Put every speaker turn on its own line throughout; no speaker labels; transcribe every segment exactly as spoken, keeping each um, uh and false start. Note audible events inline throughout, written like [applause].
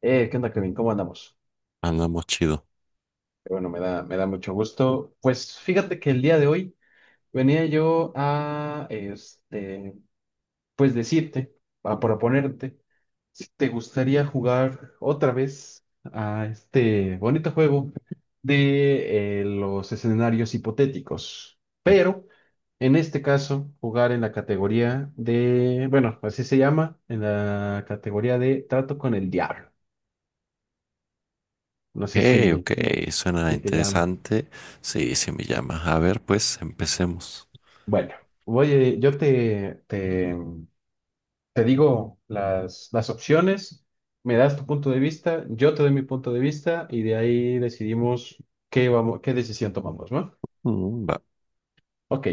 Eh, ¿qué onda, Kevin? ¿Cómo andamos?
Andamos chido.
Eh, Bueno, me da, me da mucho gusto. Pues fíjate que el día de hoy venía yo a, este, pues decirte, a proponerte, si te gustaría jugar otra vez a este bonito juego de eh, los escenarios hipotéticos, pero en este caso jugar en la categoría de, bueno, así se llama, en la categoría de trato con el diablo. No
Ok,
sé si,
ok, suena
si te llaman.
interesante. Sí, sí me llama. A ver, pues empecemos.
Bueno, voy, eh, yo te, te, te digo las, las opciones, me das tu punto de vista, yo te doy mi punto de vista y de ahí decidimos qué vamos, qué decisión tomamos, ¿no?
Mm, va.
Ok,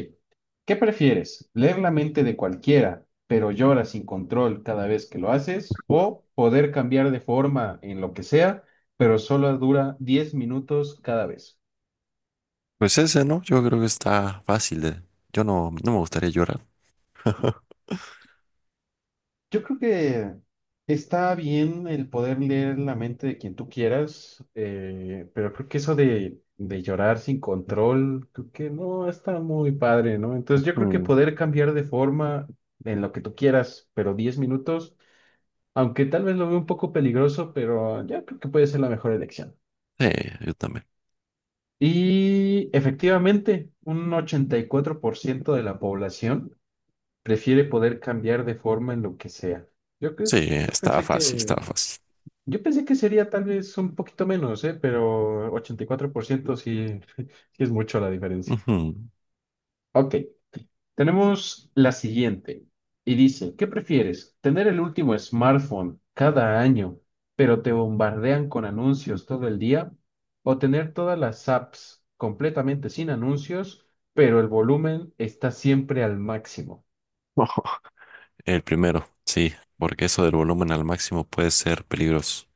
¿qué prefieres? ¿Leer la mente de cualquiera, pero llora sin control cada vez que lo haces? ¿O poder cambiar de forma en lo que sea, pero solo dura diez minutos cada vez?
Pues ese, ¿no? Yo creo que está fácil. eh. Yo no, no me gustaría llorar. [laughs]
Yo creo que está bien el poder leer la mente de quien tú quieras, eh, pero creo que eso de, de llorar sin control, creo que no está muy padre, ¿no? Entonces yo creo que
Mm,
poder cambiar de forma en lo que tú quieras, pero diez minutos, aunque tal vez lo veo un poco peligroso, pero yo creo que puede ser la mejor elección.
sí, yo también.
Y efectivamente, un ochenta y cuatro por ciento de la población prefiere poder cambiar de forma en lo que sea. Yo, creo,
Sí,
yo
está
pensé
fácil, está
que
fácil.
Yo pensé que sería tal vez un poquito menos, ¿eh? Pero ochenta y cuatro por ciento sí, [laughs] sí es mucho la diferencia.
Ujú.
Ok, tenemos la siguiente. Y dice, ¿qué prefieres? ¿Tener el último smartphone cada año, pero te bombardean con anuncios todo el día? ¿O tener todas las apps completamente sin anuncios, pero el volumen está siempre al máximo?
[laughs] El primero, sí, porque eso del volumen al máximo puede ser peligroso.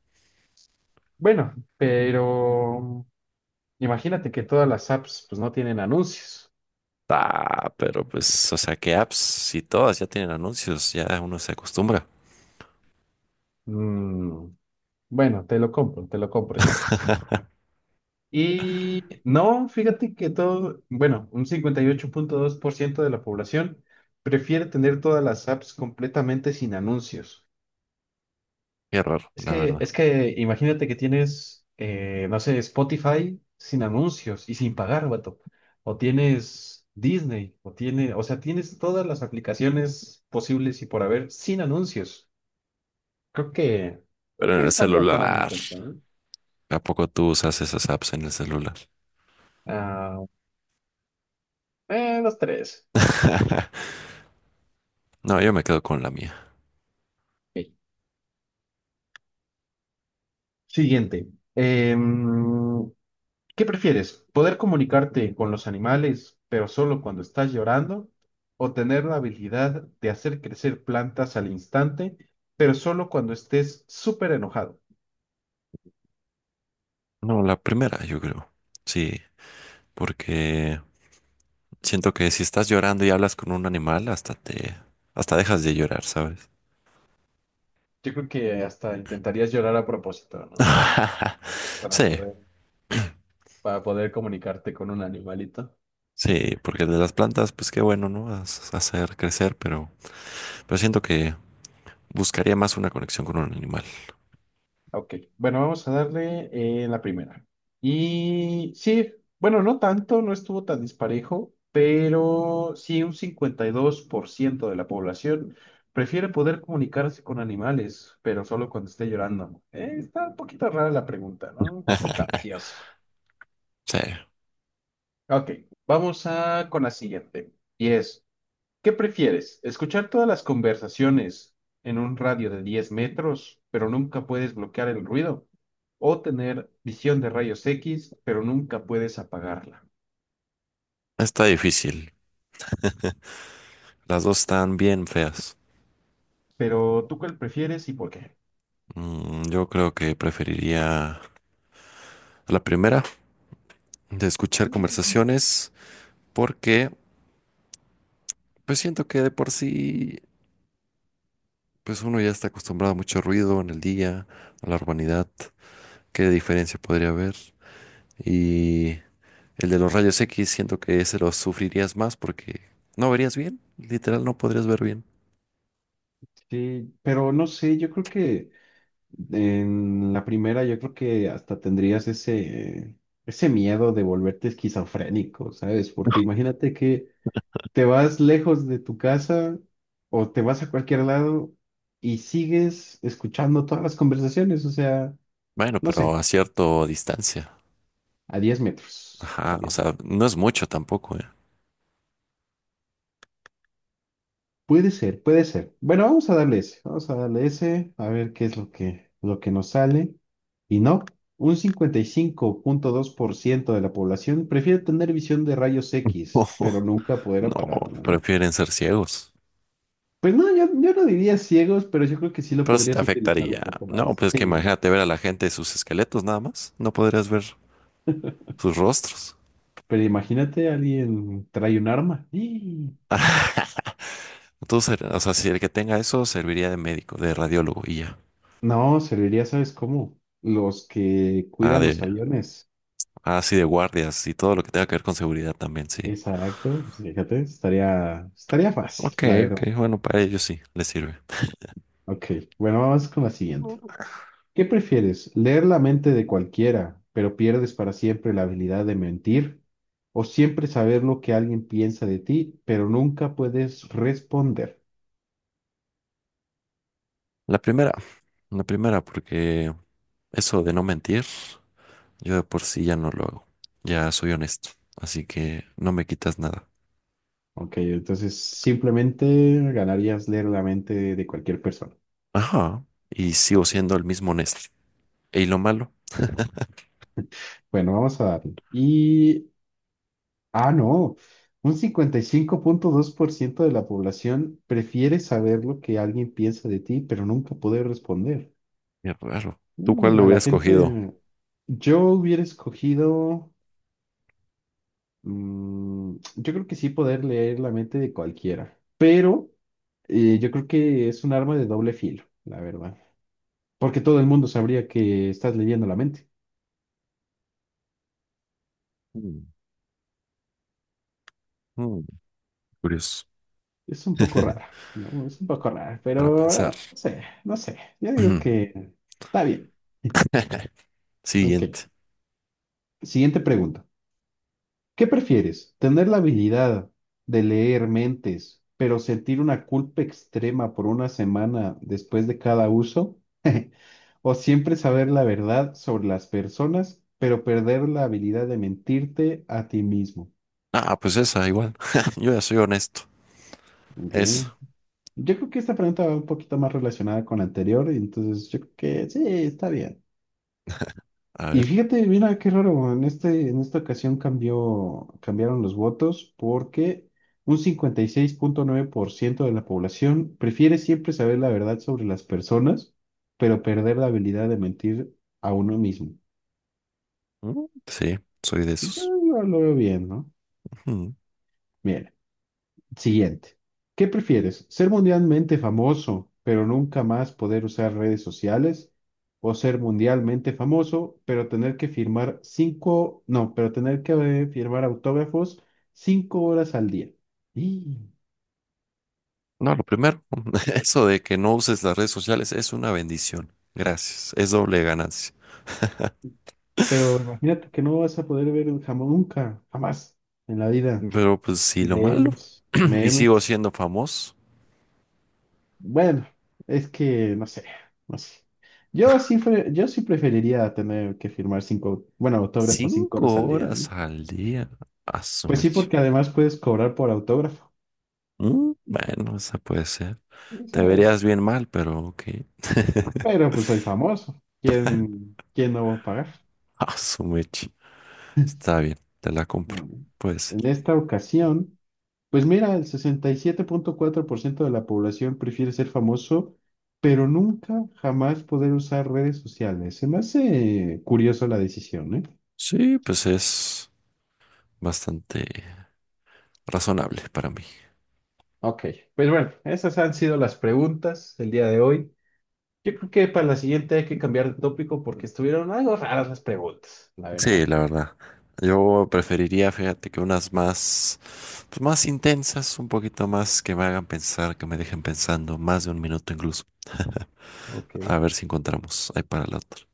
Bueno, pero imagínate que todas las apps pues no tienen anuncios.
Ah, pero pues, o sea, que apps, si todas ya tienen anuncios, ya uno se acostumbra.
Mm, Bueno, te lo compro, te lo compro esta vez.
[laughs]
Y no, fíjate que todo, bueno, un cincuenta y ocho punto dos por ciento de la población prefiere tener todas las apps completamente sin anuncios.
Qué raro,
Es
la
que,
verdad.
es que imagínate que tienes, eh, no sé, Spotify sin anuncios y sin pagar, vato. O tienes Disney, o tiene, o sea, tienes todas las aplicaciones posibles y por haber sin anuncios. Creo que, creo
Pero
que
en el
es algo a tomar en
celular.
cuenta, ¿eh?
¿A poco tú usas esas apps en el celular?
Ah, eh, los tres.
[laughs] No, yo me quedo con la mía.
Ok. Siguiente. Em, ¿qué prefieres? ¿Poder comunicarte con los animales, pero solo cuando estás llorando? ¿O tener la habilidad de hacer crecer plantas al instante, pero solo cuando estés súper enojado?
No, la primera, yo creo. Sí, porque siento que si estás llorando y hablas con un animal, hasta te, hasta dejas de llorar, ¿sabes?
Yo creo que hasta intentarías llorar a propósito, ¿no?
[laughs]
Para
Sí,
poder, para poder comunicarte con un animalito.
sí, porque el de las plantas, pues qué bueno, ¿no? Haz- Hacer crecer, pero, pero siento que buscaría más una conexión con un animal.
Ok, bueno, vamos a darle eh, la primera. Y sí, bueno, no tanto, no estuvo tan disparejo, pero sí un cincuenta y dos por ciento de la población prefiere poder comunicarse con animales, pero solo cuando esté llorando. Eh, está un poquito rara la pregunta, ¿no? Un poco
[laughs]
capciosa.
Sí,
Ok, vamos a con la siguiente. Y es, ¿qué prefieres? ¿Escuchar todas las conversaciones en un radio de diez metros, pero nunca puedes bloquear el ruido? ¿O tener visión de rayos X, pero nunca puedes apagarla?
está difícil. Las dos están bien feas.
Pero ¿tú cuál prefieres y por qué?
Mm, yo creo que preferiría a la primera, de escuchar conversaciones, porque pues siento que de por sí, pues uno ya está acostumbrado a mucho ruido en el día, a la urbanidad, qué diferencia podría haber. Y el de los rayos X siento que ese lo sufrirías más porque no verías bien, literal no podrías ver bien.
Sí, pero no sé, yo creo que en la primera, yo creo que hasta tendrías ese, ese miedo de volverte esquizofrénico, ¿sabes? Porque imagínate que te vas lejos de tu casa o te vas a cualquier lado y sigues escuchando todas las conversaciones, o sea,
Bueno,
no
pero
sé,
a cierta distancia.
a diez metros, a
Ajá, o
diez
sea,
metros.
no es mucho tampoco, ¿eh?
Puede ser, puede ser. Bueno, vamos a darle ese, vamos a darle ese, a ver qué es lo que, lo que nos sale. Y no, un cincuenta y cinco punto dos por ciento de la población prefiere tener visión de rayos
[laughs] No,
X, pero nunca poder
no,
apagarlo, ¿eh?
prefieren ser ciegos.
Pues no, yo, yo no diría ciegos, pero yo creo que sí lo
Pero sí te
podrías utilizar
afectaría.
un poco
No,
más.
pues es que
Sí.
imagínate ver a la gente sus esqueletos nada más. No podrías ver sus rostros.
Pero imagínate, alguien trae un arma. ¡Y!
[laughs] Entonces o sea, si el que tenga eso serviría de médico, de radiólogo y ya.
No, serviría, ¿sabes cómo? Los que
Ah,
cuidan
de,
los aviones.
ah, sí, de guardias y todo lo que tenga que ver con seguridad también, sí.
Exacto, pues fíjate, estaría, estaría fácil,
Ok,
la
ok,
verdad.
bueno, para ellos sí, les sirve.
Ok, bueno, vamos con la siguiente. ¿Qué prefieres? ¿Leer la mente de cualquiera, pero pierdes para siempre la habilidad de mentir? ¿O siempre saber lo que alguien piensa de ti, pero nunca puedes responder?
La primera, la primera, porque eso de no mentir, yo de por sí ya no lo hago. Ya soy honesto, así que no me quitas nada.
Ok, entonces simplemente ganarías leer la mente de cualquier persona.
Ajá, y sigo siendo el mismo honesto. ¿Y lo malo?
Bueno, vamos a darle. Y, ah, no, un cincuenta y cinco punto dos por ciento de la población prefiere saber lo que alguien piensa de ti, pero nunca poder responder.
Qué raro. ¿Tú cuál
Mm,
lo
a la
hubieras cogido?
gente, yo hubiera escogido, mm, yo creo que sí poder leer la mente de cualquiera, pero eh, yo creo que es un arma de doble filo, la verdad, porque todo el mundo sabría que estás leyendo la mente.
Mm, mm, curioso.
Es un poco
[laughs]
rara, ¿no? Es un poco rara,
Para
pero
pensar.
eh, no sé, no sé. Yo digo
[clears throat]
que está bien. Ok,
Siguiente.
siguiente pregunta. ¿Qué prefieres? ¿Tener la habilidad de leer mentes, pero sentir una culpa extrema por una semana después de cada uso? [laughs] ¿O siempre saber la verdad sobre las personas, pero perder la habilidad de mentirte a ti mismo?
Ah, pues esa, igual. [laughs] Yo ya soy honesto.
Ok.
Esa.
Yo creo que esta pregunta va un poquito más relacionada con la anterior, y entonces yo creo que sí, está bien.
A
Y
ver.
fíjate, mira qué raro, en este, en esta ocasión cambió, cambiaron los votos porque un cincuenta y seis punto nueve por ciento de la población prefiere siempre saber la verdad sobre las personas, pero perder la habilidad de mentir a uno mismo.
Mm, sí, soy de
Yo,
esos.
yo lo veo bien, ¿no?
Ujú.
Bien. Siguiente. ¿Qué prefieres? ¿Ser mundialmente famoso, pero nunca más poder usar redes sociales? ¿O ser mundialmente famoso, pero tener que firmar cinco, no, pero tener que eh, firmar autógrafos cinco horas al día? Y,
No, lo primero, [laughs] eso de que no uses las redes sociales es una bendición. Gracias. Es doble ganancia. [laughs]
pero imagínate que no vas a poder ver jamás, nunca, jamás en la vida
Pero pues sí, lo malo.
videos,
[clears throat] Y sigo
memes.
siendo famoso.
Bueno, es que no sé, no sé. Yo sí, fue- yo sí preferiría tener que firmar cinco, bueno, autógrafos cinco
Cinco
horas al día, ¿eh?
horas al día. A su
Pues sí,
mecha.
porque además puedes cobrar por autógrafo.
Mm, Bueno, esa puede ser. Te
O es-
verías bien mal, pero ok.
Pero
[laughs]
pues soy famoso. ¿Quién, quién no va a pagar?
Ah, su mecha. Está bien, te la compro.
Mm.
Puede ser.
En esta ocasión, pues mira, el sesenta y siete punto cuatro por ciento de la población prefiere ser famoso, pero nunca, jamás poder usar redes sociales. Se me hace curioso la decisión, ¿eh?
Sí, pues es bastante razonable para mí.
Ok, pues bueno, esas han sido las preguntas del día de hoy. Yo creo que para la siguiente hay que cambiar de tópico porque estuvieron algo raras las preguntas, la
Sí,
verdad.
la verdad. Yo preferiría, fíjate, que unas más, pues más intensas, un poquito más que me hagan pensar, que me dejen pensando más de un minuto incluso.
Ok.
[laughs] A ver si encontramos ahí para la otra.